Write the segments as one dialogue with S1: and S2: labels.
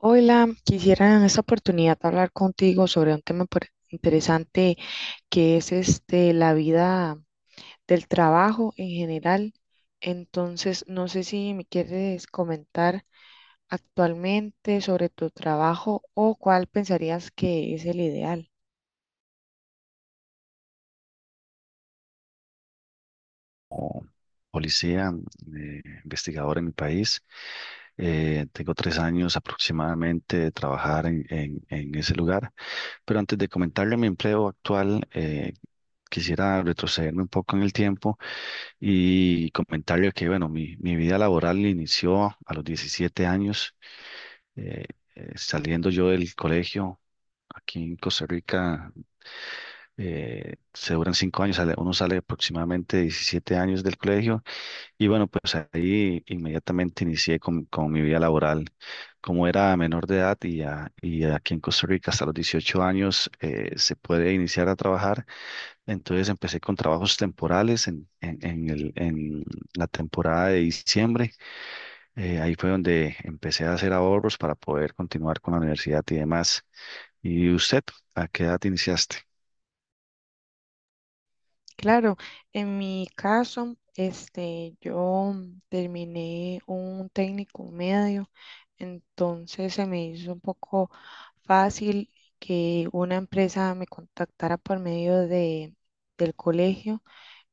S1: Hola, quisiera en esta oportunidad hablar contigo sobre un tema interesante que es la vida del trabajo en general. Entonces, no sé si me quieres comentar actualmente sobre tu trabajo o cuál pensarías que es el ideal.
S2: Como policía, investigador en mi país. Tengo 3 años aproximadamente de trabajar en ese lugar. Pero antes de comentarle mi empleo actual, quisiera retrocederme un poco en el tiempo y comentarle que, bueno, mi vida laboral inició a los 17 años, eh, saliendo yo del colegio. Aquí en Costa Rica se duran 5 años, uno sale aproximadamente 17 años del colegio. Y bueno, pues ahí inmediatamente inicié con mi vida laboral. Como era menor de edad y, y aquí en Costa Rica hasta los 18 años se puede iniciar a trabajar, entonces empecé con trabajos temporales en la temporada de diciembre. Ahí fue donde empecé a hacer ahorros para poder continuar con la universidad y demás. ¿Y usted, a qué edad iniciaste?
S1: Claro, en mi caso, yo terminé un técnico medio, entonces se me hizo un poco fácil que una empresa me contactara por medio del colegio,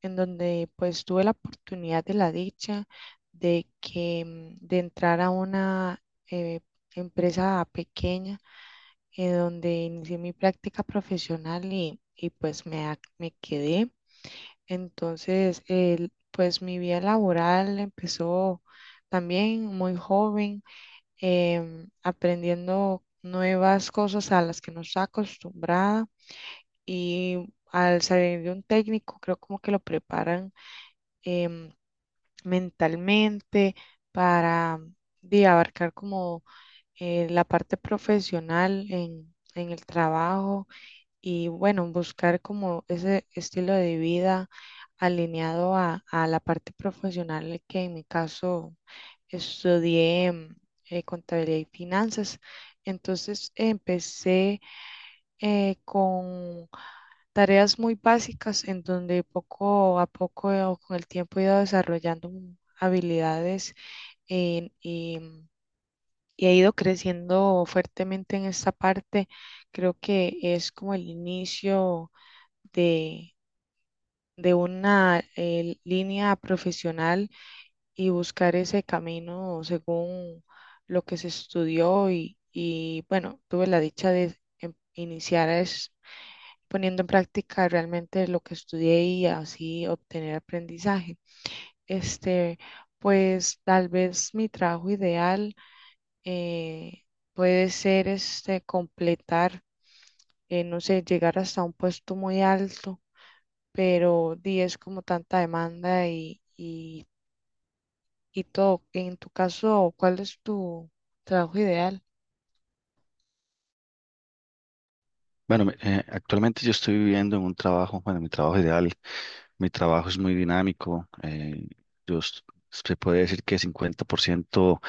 S1: en donde pues tuve la oportunidad de la dicha de que de entrar a una eh, empresa pequeña, en donde inicié mi práctica profesional y pues me quedé. Entonces, pues mi vida laboral empezó también muy joven, aprendiendo nuevas cosas a las que no estaba acostumbrada y al salir de un técnico, creo como que lo preparan em, mentalmente para de abarcar como la parte profesional en el trabajo y bueno, buscar como ese estilo de vida alineado a la parte profesional que en mi caso estudié contabilidad y finanzas. Entonces empecé con tareas muy básicas en donde poco a poco o con el tiempo he ido desarrollando habilidades y y he ido creciendo fuertemente en esta parte. Creo que es como el inicio de, de una línea profesional y buscar ese camino según lo que se estudió y bueno, tuve la dicha de iniciar es poniendo en práctica realmente lo que estudié y así obtener aprendizaje. Este, pues tal vez mi trabajo ideal eh, puede ser completar, no sé, llegar hasta un puesto muy alto pero di, es como tanta demanda y todo. En tu caso, ¿cuál es tu trabajo ideal?
S2: Bueno, actualmente yo estoy viviendo en un trabajo, bueno, mi trabajo ideal, mi trabajo es muy dinámico, yo s- se puede decir que 50%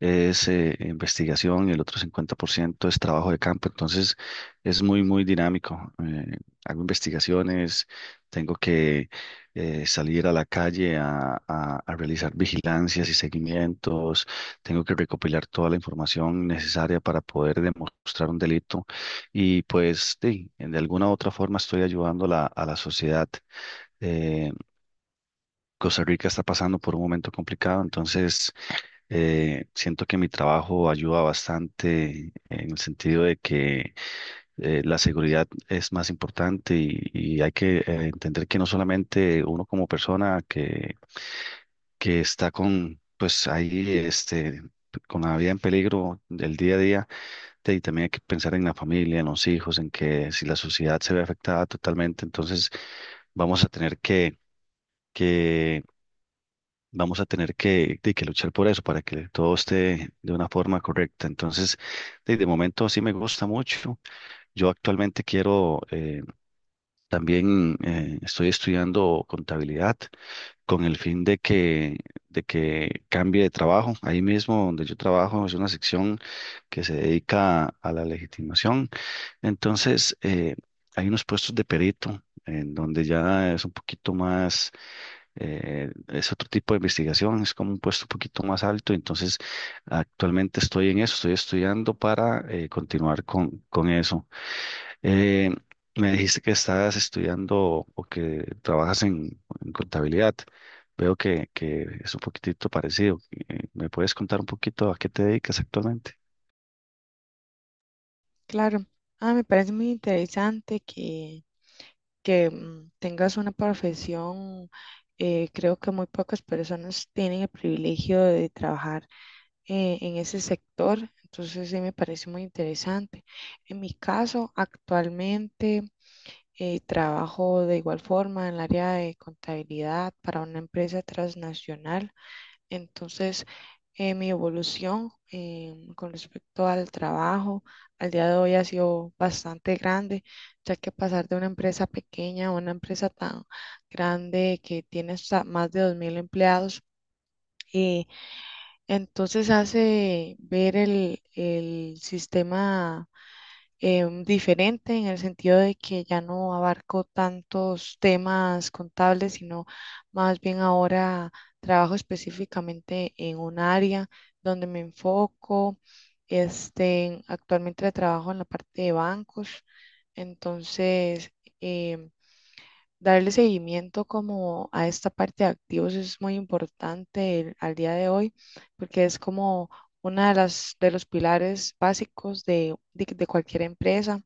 S2: es investigación y el otro 50% es trabajo de campo. Entonces es muy, muy dinámico. Hago investigaciones, tengo que salir a la calle a, a realizar vigilancias y seguimientos, tengo que recopilar toda la información necesaria para poder demostrar un delito y pues sí, de alguna u otra forma estoy ayudando a la sociedad. Eh, Costa Rica está pasando por un momento complicado, entonces siento que mi trabajo ayuda bastante en el sentido de que la seguridad es más importante y hay que entender que no solamente uno como persona que está con, pues ahí, este, con la vida en peligro del día a día, y también hay que pensar en la familia, en los hijos, en que si la sociedad se ve afectada totalmente, entonces vamos a tener que que luchar por eso, para que todo esté de una forma correcta. Entonces, de momento sí me gusta mucho. Yo actualmente quiero, también estoy estudiando contabilidad con el fin de que cambie de trabajo. Ahí mismo donde yo trabajo es una sección que se dedica a la legitimación. Entonces, hay unos puestos de perito en donde ya es un poquito más es otro tipo de investigación, es como un puesto un poquito más alto, entonces actualmente estoy en eso, estoy estudiando para continuar con eso. Eh, Me dijiste que estás estudiando o que trabajas en contabilidad, veo que es un poquitito parecido. ¿Me puedes contar un poquito a qué te dedicas actualmente?
S1: Claro, ah, me parece muy interesante que tengas una profesión. Creo que muy pocas personas tienen el privilegio de trabajar en ese sector, entonces sí me parece muy interesante. En mi caso, actualmente... Trabajo de igual forma en el área de contabilidad para una empresa transnacional. Entonces, mi evolución con respecto al trabajo al día de hoy ha sido bastante grande, ya que pasar de una empresa pequeña a una empresa tan grande que tiene hasta más de 2000 empleados. eh, entonces hace ver el sistema diferente en el sentido de que ya no abarco tantos temas contables, sino más bien ahora trabajo específicamente en un área donde me enfoco. Actualmente trabajo en la parte de bancos, entonces em, darle seguimiento como a esta parte de activos es muy importante al día de hoy porque es como una de las de los pilares básicos de cualquier empresa.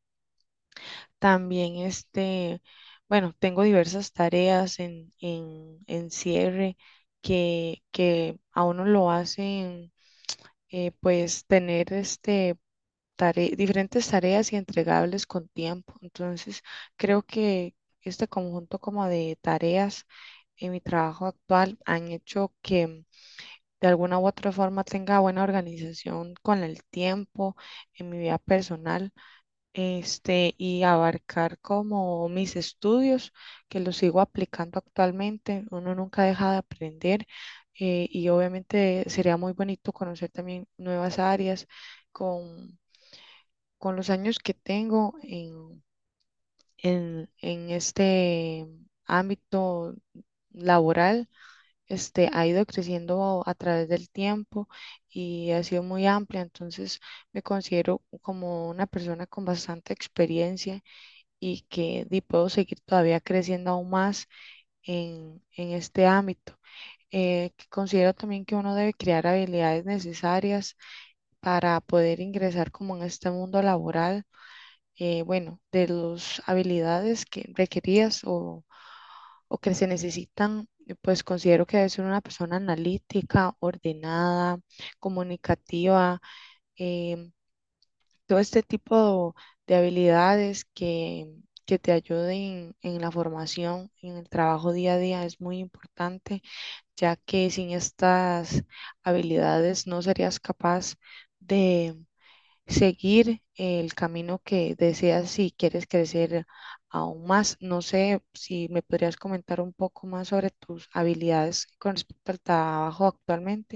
S1: También bueno, tengo diversas tareas en cierre que a uno lo hacen pues tener diferentes tareas y entregables con tiempo. Entonces, creo que conjunto como de tareas en mi trabajo actual han hecho que de alguna u otra forma tenga buena organización con el tiempo en mi vida personal y abarcar como mis estudios, que los sigo aplicando actualmente. Uno nunca deja de aprender y obviamente sería muy bonito conocer también nuevas áreas con, con los años que tengo en este ámbito laboral. Ha ido creciendo a través del tiempo y ha sido muy amplia, entonces me considero como una persona con bastante experiencia y que di, puedo seguir todavía creciendo aún más en este ámbito. Que considero también que uno debe crear habilidades necesarias para poder ingresar como en este mundo laboral, bueno, de las habilidades que requerías o que se necesitan, pues considero que debe ser una persona analítica, ordenada, comunicativa, em, todo este tipo de habilidades que te ayuden en la formación, en el trabajo día a día es muy importante, ya que sin estas habilidades no serías capaz de seguir el camino que deseas si quieres crecer aún más. No sé si me podrías comentar un poco más sobre tus habilidades con respecto al trabajo actualmente.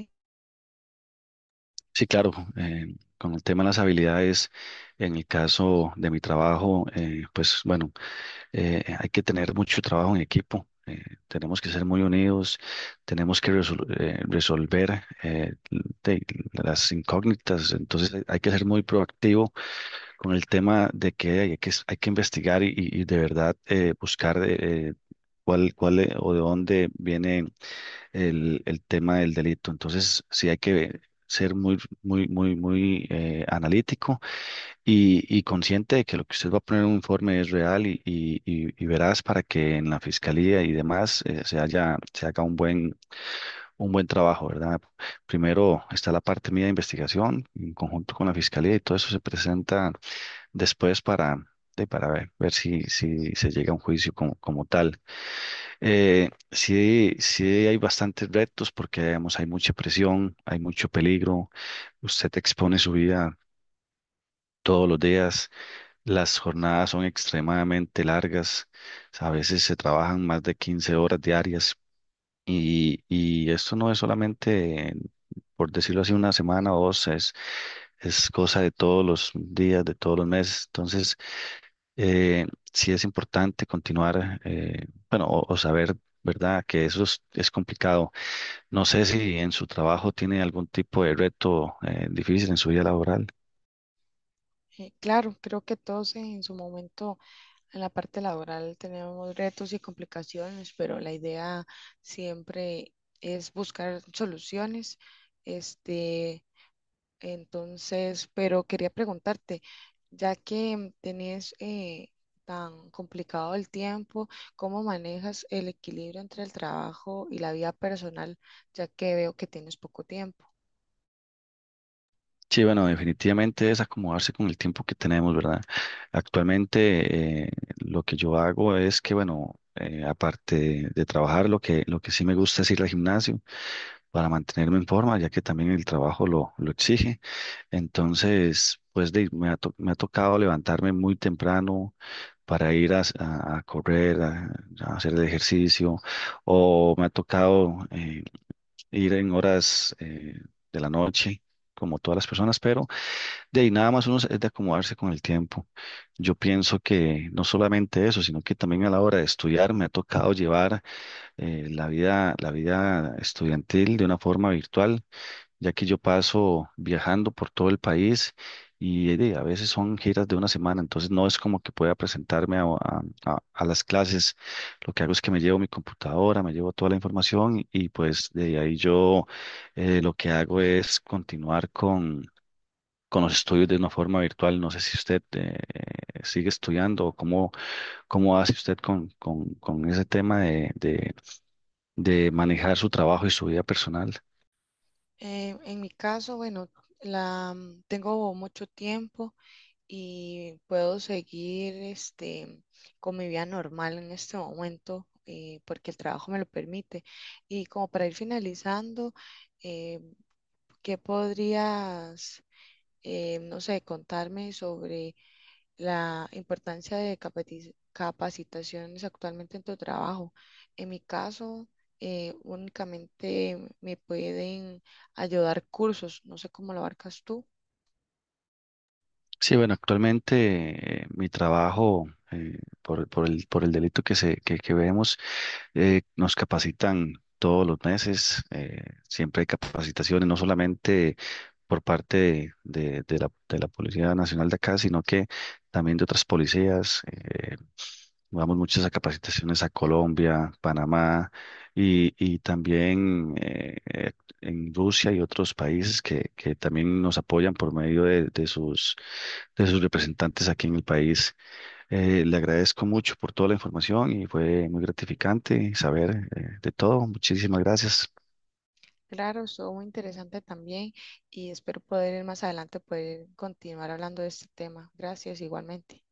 S2: Sí, claro. Con el tema de las habilidades, en el caso de mi trabajo, pues bueno, hay que tener mucho trabajo en equipo, tenemos que ser muy unidos, tenemos que resolver de- las incógnitas, entonces hay que ser muy proactivo con el tema de que hay que, hay que investigar y, de verdad buscar cuál, cuál o de dónde viene el tema del delito. Entonces, sí hay que ser muy, muy, muy, muy analítico y consciente de que lo que usted va a poner en un informe es real y veraz para que en la fiscalía y demás se haga un buen trabajo, ¿verdad? Primero está la parte mía de investigación en conjunto con la fiscalía y todo eso se presenta después para, para ver, ver si, si se llega a un juicio como, como tal. Sí, sí hay bastantes retos porque digamos, hay mucha presión, hay mucho peligro, usted expone su vida todos los días, las jornadas son extremadamente largas, a veces se trabajan más de 15 horas diarias y esto no es solamente, por decirlo así, una semana o dos, es cosa de todos los días, de todos los meses. Entonces, eh, sí es importante continuar, bueno, o saber, ¿verdad?, que eso es complicado. No sé si en su trabajo tiene algún tipo de reto, difícil en su vida laboral.
S1: Claro, creo que todos en su momento en la parte laboral tenemos retos y complicaciones, pero la idea siempre es buscar soluciones. Este, entonces, pero quería preguntarte, ya que tenés tan complicado el tiempo, ¿cómo manejas el equilibrio entre el trabajo y la vida personal, ya que veo que tienes poco tiempo?
S2: Sí, bueno, definitivamente es acomodarse con el tiempo que tenemos, ¿verdad? Actualmente lo que yo hago es que, bueno, aparte de trabajar, lo que sí me gusta es ir al gimnasio para mantenerme en forma, ya que también el trabajo lo exige. Entonces, pues me ha, me ha tocado levantarme muy temprano para ir a, a correr, a hacer el ejercicio, o me ha tocado ir en horas de la noche, como todas las personas, pero de ahí nada más uno es de acomodarse con el tiempo. Yo pienso que no solamente eso, sino que también a la hora de estudiar me ha tocado llevar la vida estudiantil de una forma virtual, ya que yo paso viajando por todo el país y a veces son giras de una semana, entonces no es como que pueda presentarme a, a las clases. Lo que hago es que me llevo mi computadora, me llevo toda la información y pues de ahí yo lo que hago es continuar con los estudios de una forma virtual. No sé si usted sigue estudiando o cómo, cómo hace usted con ese tema de manejar su trabajo y su vida personal.
S1: En mi caso, bueno, tengo mucho tiempo y puedo seguir con mi vida normal en este momento porque el trabajo me lo permite. Y como para ir finalizando, eh, ¿qué podrías, no sé, contarme sobre la importancia de capacitaciones actualmente en tu trabajo? En mi caso... Únicamente me pueden ayudar cursos, no sé cómo lo abarcas tú.
S2: Sí, bueno, actualmente mi trabajo por el delito que que vemos nos capacitan todos los meses, siempre hay capacitaciones, no solamente por parte de la Policía Nacional de acá, sino que también de otras policías. Vamos muchas a capacitaciones a Colombia, Panamá y también en Rusia y otros países que también nos apoyan por medio de sus representantes aquí en el país. Le agradezco mucho por toda la información y fue muy gratificante saber de todo. Muchísimas gracias.
S1: Claro, estuvo muy interesante también y espero poder ir más adelante poder continuar hablando de este tema. Gracias, igualmente.